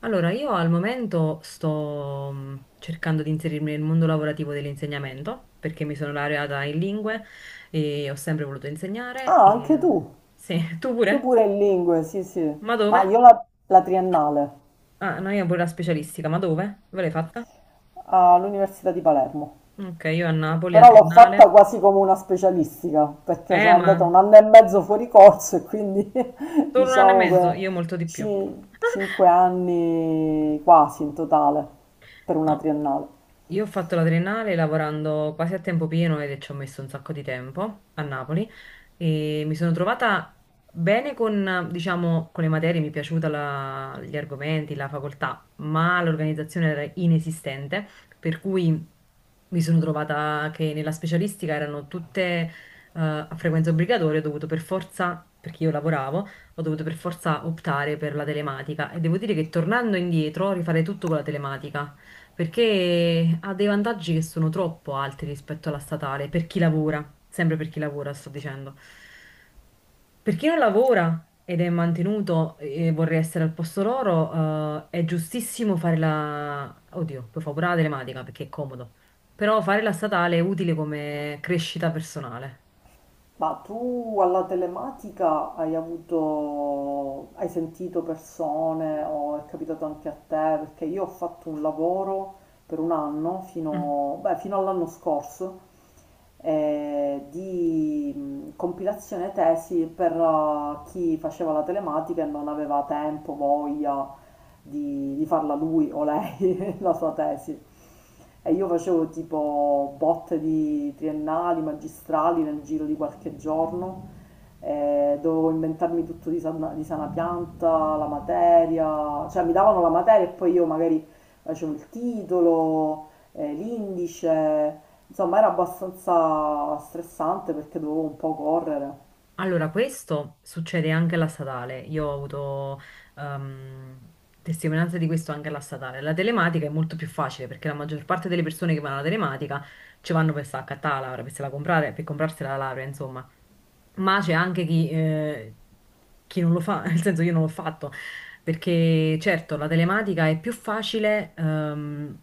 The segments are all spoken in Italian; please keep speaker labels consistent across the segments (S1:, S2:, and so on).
S1: Allora, io al momento sto cercando di inserirmi nel mondo lavorativo dell'insegnamento perché mi sono laureata in lingue e ho sempre voluto insegnare.
S2: Ah, anche
S1: E...
S2: tu?
S1: Sì, tu
S2: Io
S1: pure?
S2: pure in lingue, sì, sì.
S1: Ma
S2: Ma
S1: dove?
S2: io la triennale
S1: Ah, no, io pure la specialistica, ma dove? Dove l'hai fatta?
S2: all'Università di Palermo.
S1: Ok, io a Napoli, a
S2: Però l'ho
S1: Triennale.
S2: fatta quasi come una specialistica, perché sono andata
S1: Ma
S2: un anno e mezzo fuori corso e quindi
S1: solo un anno e
S2: diciamo
S1: mezzo,
S2: che
S1: io molto di più.
S2: cinque anni quasi in totale per una
S1: No.
S2: triennale.
S1: Io ho fatto la triennale lavorando quasi a tempo pieno ed ci ho messo un sacco di tempo a Napoli e mi sono trovata bene con, diciamo, con le materie, mi è piaciuta gli argomenti, la facoltà, ma l'organizzazione era inesistente, per cui mi sono trovata che nella specialistica erano tutte a frequenza obbligatoria, ho dovuto per forza, perché io lavoravo, ho dovuto per forza optare per la telematica e devo dire che tornando indietro rifare tutto con la telematica perché ha dei vantaggi che sono troppo alti rispetto alla statale, per chi lavora, sempre per chi lavora, sto dicendo. Per chi non lavora ed è mantenuto e vorrei essere al posto loro, è giustissimo fare la... Oddio, poi fa pure la telematica perché è comodo, però fare la statale è utile come crescita personale.
S2: Ma tu alla telematica hai avuto, hai sentito persone o è capitato anche a te? Perché io ho fatto un lavoro per un anno,
S1: Mm.
S2: fino, beh, fino all'anno scorso, di compilazione tesi per chi faceva la telematica e non aveva tempo, voglia di farla lui o lei, la sua tesi. E io facevo tipo botte di triennali, magistrali nel giro di qualche giorno, dovevo inventarmi tutto di sana pianta, la materia, cioè mi davano la materia e poi io magari facevo il titolo, l'indice, insomma era abbastanza stressante perché dovevo un po' correre.
S1: Allora, questo succede anche alla statale. Io ho avuto ehm, testimonianza di questo anche alla statale. La telematica è molto più facile perché la maggior parte delle persone che vanno alla telematica ci vanno per scattare la laurea, per se la comprare, per comprarsi la laurea, insomma. Ma c'è anche chi non lo fa, nel senso io non l'ho fatto, perché certo la telematica è più facile ehm,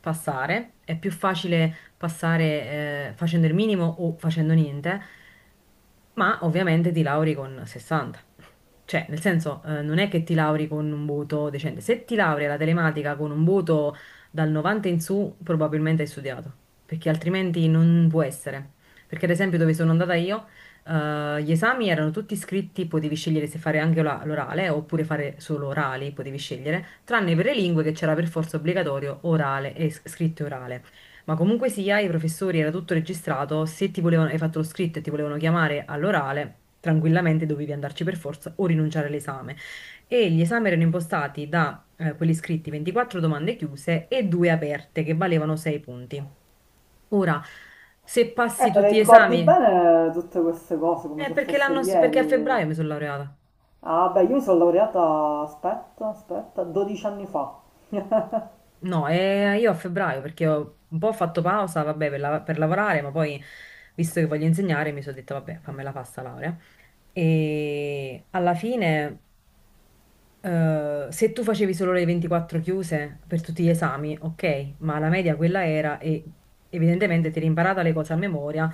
S1: passare, è più facile passare facendo il minimo o facendo niente, ma ovviamente ti lauri con 60. Cioè, nel senso, non è che ti lauri con un voto decente. Se ti laurea la telematica con un voto dal 90 in su, probabilmente hai studiato, perché altrimenti non può essere. Perché ad esempio dove sono andata io, gli esami erano tutti scritti, potevi scegliere se fare anche l'orale oppure fare solo orali, potevi scegliere, tranne per le lingue che c'era per forza obbligatorio orale e scritto e orale. Ma comunque sia, i professori era tutto registrato, se ti volevano, hai fatto lo scritto e ti volevano chiamare all'orale, tranquillamente dovevi andarci per forza o rinunciare all'esame. E gli esami erano impostati da quelli scritti 24 domande chiuse e due aperte che valevano 6 punti. Ora, se passi
S2: Te le
S1: tutti gli
S2: ricordi
S1: esami,
S2: bene tutte queste cose come
S1: è
S2: se
S1: perché
S2: fosse
S1: l'anno, perché a
S2: ieri?
S1: febbraio mi sono laureata.
S2: Ah, beh, io mi sono laureata, aspetta, aspetta, 12 anni fa.
S1: No, io a febbraio perché ho un po' fatto pausa, vabbè, per lavorare, ma poi, visto che voglio insegnare, mi sono detta, vabbè, fammela pasta laurea. E alla fine, se tu facevi solo le 24 chiuse per tutti gli esami, ok, ma la media quella era e evidentemente ti eri imparata le cose a memoria,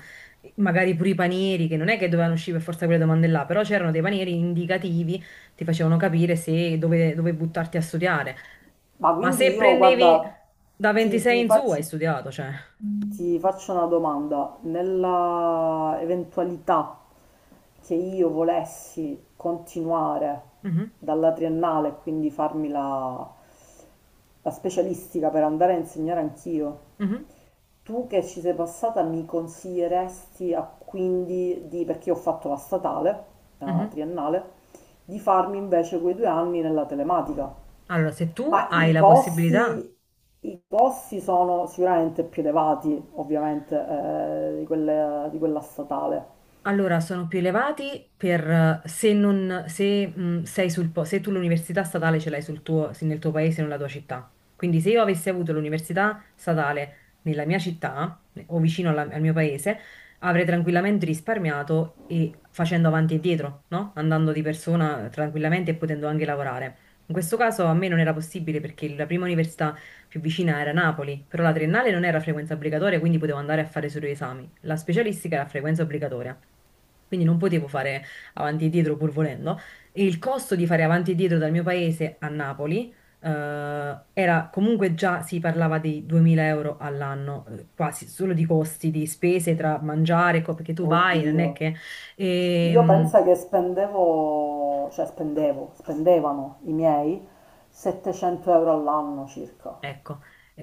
S1: magari pure i panieri, che non è che dovevano uscire per forza quelle domande là, però c'erano dei panieri indicativi, ti facevano capire se dove, dove buttarti a studiare.
S2: Ma
S1: Ma
S2: quindi
S1: se
S2: io,
S1: prendevi
S2: guarda,
S1: da
S2: ti,
S1: 26
S2: ti
S1: in su, hai
S2: faccio,
S1: studiato, cioè.
S2: ti
S1: Mm.
S2: faccio una domanda. Nella eventualità che io volessi continuare
S1: Mhm,
S2: dalla triennale, quindi farmi la specialistica per andare a insegnare anch'io.
S1: mhm,
S2: Tu che ci sei passata mi consiglieresti quindi di, perché io ho fatto la statale, la
S1: mhm.
S2: triennale, di farmi invece quei due anni nella telematica.
S1: Allora, se tu
S2: Ma
S1: hai la possibilità.
S2: i costi sono sicuramente più elevati, ovviamente, di di quella statale.
S1: Allora, sono più elevati per se, non, se, sei sul, po- se tu l'università statale ce l'hai sul tuo, se nel tuo paese, nella tua città. Quindi se io avessi avuto l'università statale nella mia città o vicino al mio paese, avrei tranquillamente risparmiato e facendo avanti e dietro, no? Andando di persona tranquillamente e potendo anche lavorare. In questo caso a me non era possibile perché la prima università più vicina era Napoli, però la triennale non era a frequenza obbligatoria, quindi potevo andare a fare solo gli esami. La specialistica era a frequenza obbligatoria, quindi non potevo fare avanti e dietro pur volendo. E il costo di fare avanti e dietro dal mio paese a Napoli, era comunque già si parlava di 2000 euro all'anno, quasi solo di costi, di spese tra mangiare, perché tu vai, non
S2: Oddio.
S1: è che...
S2: Io
S1: Ehm,
S2: penso che spendevo, cioè spendevo, spendevano i miei 700 euro all'anno circa.
S1: ecco.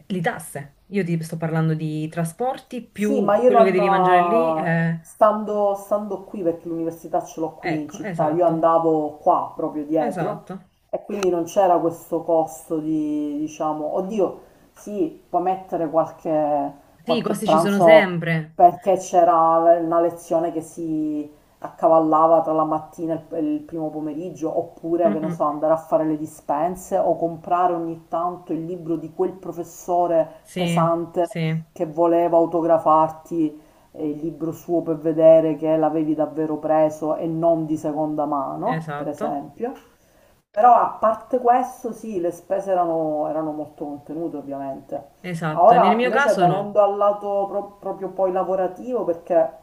S1: Le tasse, io ti sto parlando di trasporti
S2: Sì, ma
S1: più
S2: io
S1: quello che
S2: non,
S1: devi mangiare lì, eh,
S2: stando qui, perché l'università ce l'ho qui in
S1: Ecco,
S2: città, io
S1: esatto,
S2: andavo qua proprio dietro
S1: esatto.
S2: e quindi non c'era questo costo di, diciamo, oddio, sì, puoi mettere qualche,
S1: Sì, i
S2: qualche
S1: costi ci sono
S2: pranzo
S1: sempre.
S2: perché c'era una lezione che si accavallava tra la mattina e il primo pomeriggio, oppure, che ne
S1: Mm-mm.
S2: so, andare a fare le dispense o comprare ogni tanto il libro di quel professore
S1: Sì,
S2: pesante
S1: sì,
S2: che voleva autografarti il libro suo per vedere che l'avevi davvero preso e non di seconda mano, per
S1: esatto,
S2: esempio. Però a parte questo, sì, erano molto contenute, ovviamente.
S1: esatto. Nel
S2: Ora,
S1: mio
S2: invece,
S1: caso
S2: venendo
S1: no.
S2: al proprio poi lavorativo, perché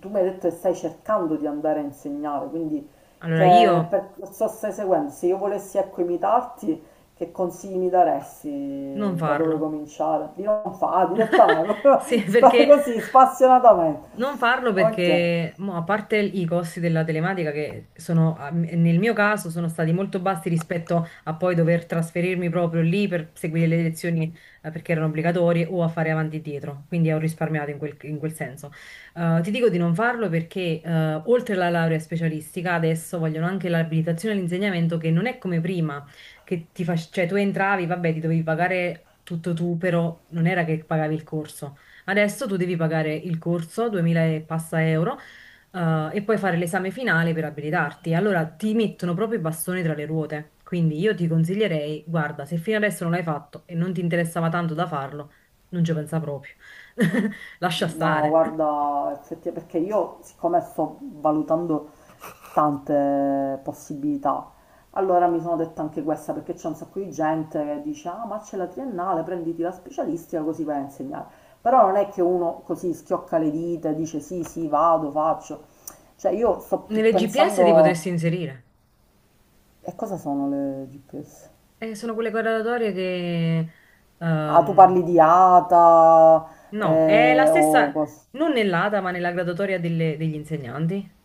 S2: tu mi hai detto che stai cercando di andare a insegnare, quindi
S1: Allora
S2: che
S1: io
S2: percorso stai seguendo? Se io volessi ecco imitarti, che consigli mi
S1: non
S2: daresti? Da dove
S1: farlo.
S2: cominciare? Di non fare direttamente,
S1: Sì, perché
S2: così spassionatamente.
S1: non farlo
S2: Ok.
S1: perché, mo, a parte i costi della telematica che nel mio caso, sono stati molto bassi rispetto a poi dover trasferirmi proprio lì per seguire le lezioni, perché erano obbligatorie o a fare avanti e dietro, quindi ho risparmiato in quel senso. Ti dico di non farlo perché, oltre alla laurea specialistica, adesso vogliono anche l'abilitazione all'insegnamento che non è come prima, che cioè tu entravi, vabbè, ti dovevi pagare tutto tu, però non era che pagavi il corso. Adesso tu devi pagare il corso, 2000 e passa euro, e poi fare l'esame finale per abilitarti. Allora ti mettono proprio i bastoni tra le ruote. Quindi io ti consiglierei, guarda, se fino adesso non l'hai fatto e non ti interessava tanto da farlo, non ci pensa proprio. Lascia
S2: No,
S1: stare.
S2: guarda, effettivamente, perché io siccome sto valutando tante possibilità, allora mi sono detta anche questa, perché c'è un sacco di gente che dice, ah, ma c'è la triennale, prenditi la specialistica così vai a insegnare. Però non è che uno così schiocca le dita e dice sì, sì, vado, faccio. Cioè io sto più
S1: Nelle GPS ti
S2: pensando,
S1: potresti inserire.
S2: e cosa sono le GPS?
S1: Sono quelle graduatorie che...
S2: Ah, tu parli
S1: ehm,
S2: di ATA,
S1: no, è la
S2: eh, o
S1: stessa,
S2: cos-
S1: non nell'ATA, ma nella graduatoria degli insegnanti.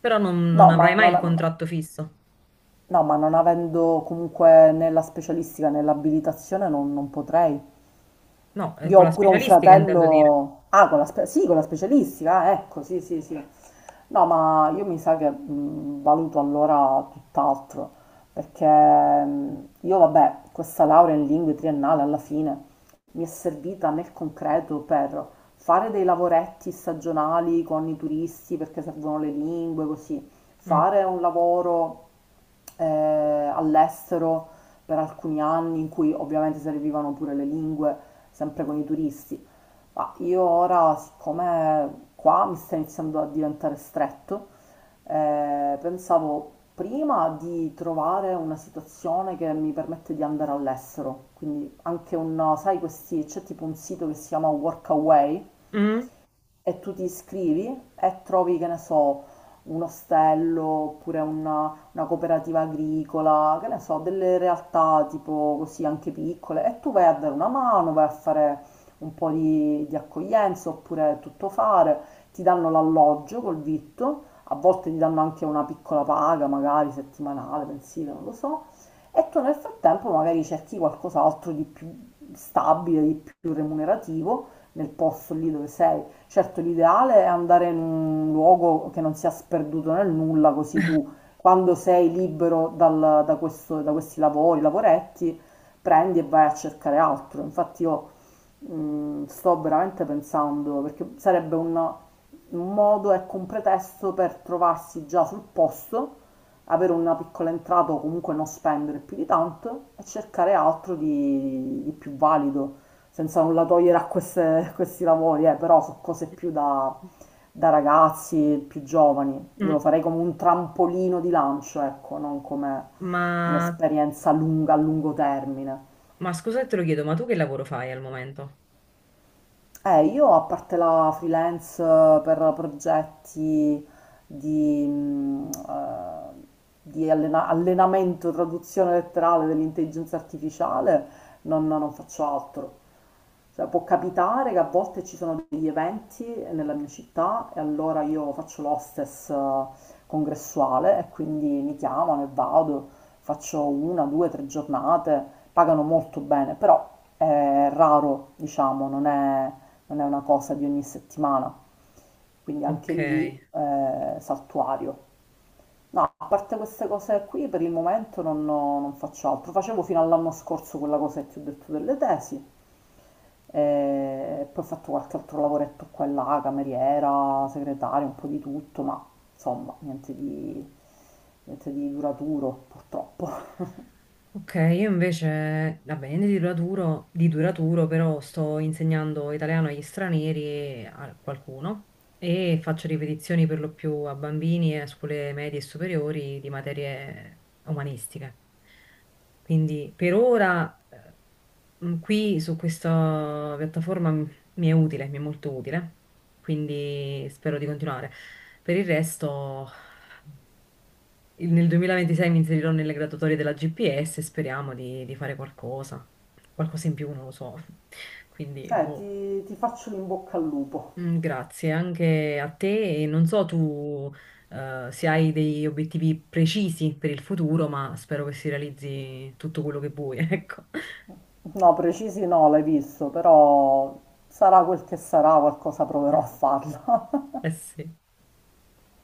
S1: Però non
S2: No, ma
S1: avrai mai il
S2: non,
S1: contratto fisso.
S2: no, ma non avendo comunque né la specialistica né l'abilitazione non potrei.
S1: No,
S2: Io
S1: con la
S2: ho pure un
S1: specialistica intendo dire.
S2: fratello... Ah, sì, con la specialistica, ah, ecco, sì, sì, sì. No, ma io mi sa che valuto allora tutt'altro, perché io, vabbè, questa laurea in lingue triennale alla fine mi è servita nel concreto per fare dei lavoretti stagionali con i turisti perché servono le lingue, così,
S1: Mm.
S2: fare un lavoro all'estero per alcuni anni in cui ovviamente servivano pure le lingue, sempre con i turisti. Ma io ora, siccome qua mi sta iniziando a diventare stretto, pensavo prima di trovare una situazione che mi permette di andare all'estero, quindi anche un, sai, questi, c'è tipo un sito che si chiama Workaway,
S1: Mm.
S2: e tu ti iscrivi e trovi, che ne so, un ostello oppure una cooperativa agricola, che ne so, delle realtà tipo così anche piccole e tu vai a dare una mano, vai a fare un po' di accoglienza oppure tutto fare, ti danno l'alloggio col vitto, a volte ti danno anche una piccola paga, magari settimanale, mensile, non lo so, e tu nel frattempo magari cerchi qualcos'altro di più stabile, di più remunerativo nel posto lì dove sei. Certo, l'ideale è andare in un luogo che non sia sperduto nel nulla, così tu, quando sei libero da questi lavori, lavoretti, prendi e vai a cercare altro. Infatti io sto veramente pensando, perché sarebbe un modo, ecco, un pretesto per trovarsi già sul posto, avere una piccola entrata o comunque non spendere più di tanto e cercare altro di più valido, senza nulla togliere a questi lavori, però su cose più da,
S1: Mm.
S2: da ragazzi più giovani. Io lo
S1: Mm.
S2: farei come un trampolino di lancio, ecco, non come
S1: Ma,
S2: un'esperienza lunga, a lungo termine.
S1: ma scusa se te lo chiedo, ma tu che lavoro fai al momento?
S2: Io a parte la freelance per progetti di, di allenamento, traduzione letterale dell'intelligenza artificiale, non faccio altro. Cioè, può capitare che a volte ci sono degli eventi nella mia città e allora io faccio l'hostess congressuale e quindi mi chiamano e vado, faccio una, due, tre giornate, pagano molto bene, però è raro, diciamo, non è una cosa di ogni settimana, quindi anche
S1: Ok.
S2: lì saltuario. No, a parte queste cose qui, per il momento non faccio altro. Facevo fino all'anno scorso quella cosa che ti ho detto delle tesi. E poi ho fatto qualche altro lavoretto qua e là, cameriera, segretaria, un po' di tutto, ma insomma, niente di duraturo, purtroppo.
S1: Ok, io invece, vabbè, niente di duraturo, però sto insegnando italiano agli stranieri e a qualcuno e faccio ripetizioni per lo più a bambini e a scuole medie e superiori di materie umanistiche. Quindi per ora qui su questa piattaforma mi è molto utile, quindi spero di continuare. Per il resto. Nel 2026 mi inserirò nelle graduatorie della GPS e speriamo di fare qualcosa in più, non lo so. Quindi, boh.
S2: Ti faccio l'in bocca al lupo.
S1: Mm, grazie anche a te e non so tu se hai degli obiettivi precisi per il futuro, ma spero che si realizzi tutto quello che vuoi, ecco.
S2: No, precisi no, l'hai visto, però sarà quel che sarà, qualcosa proverò a farla.
S1: Eh sì.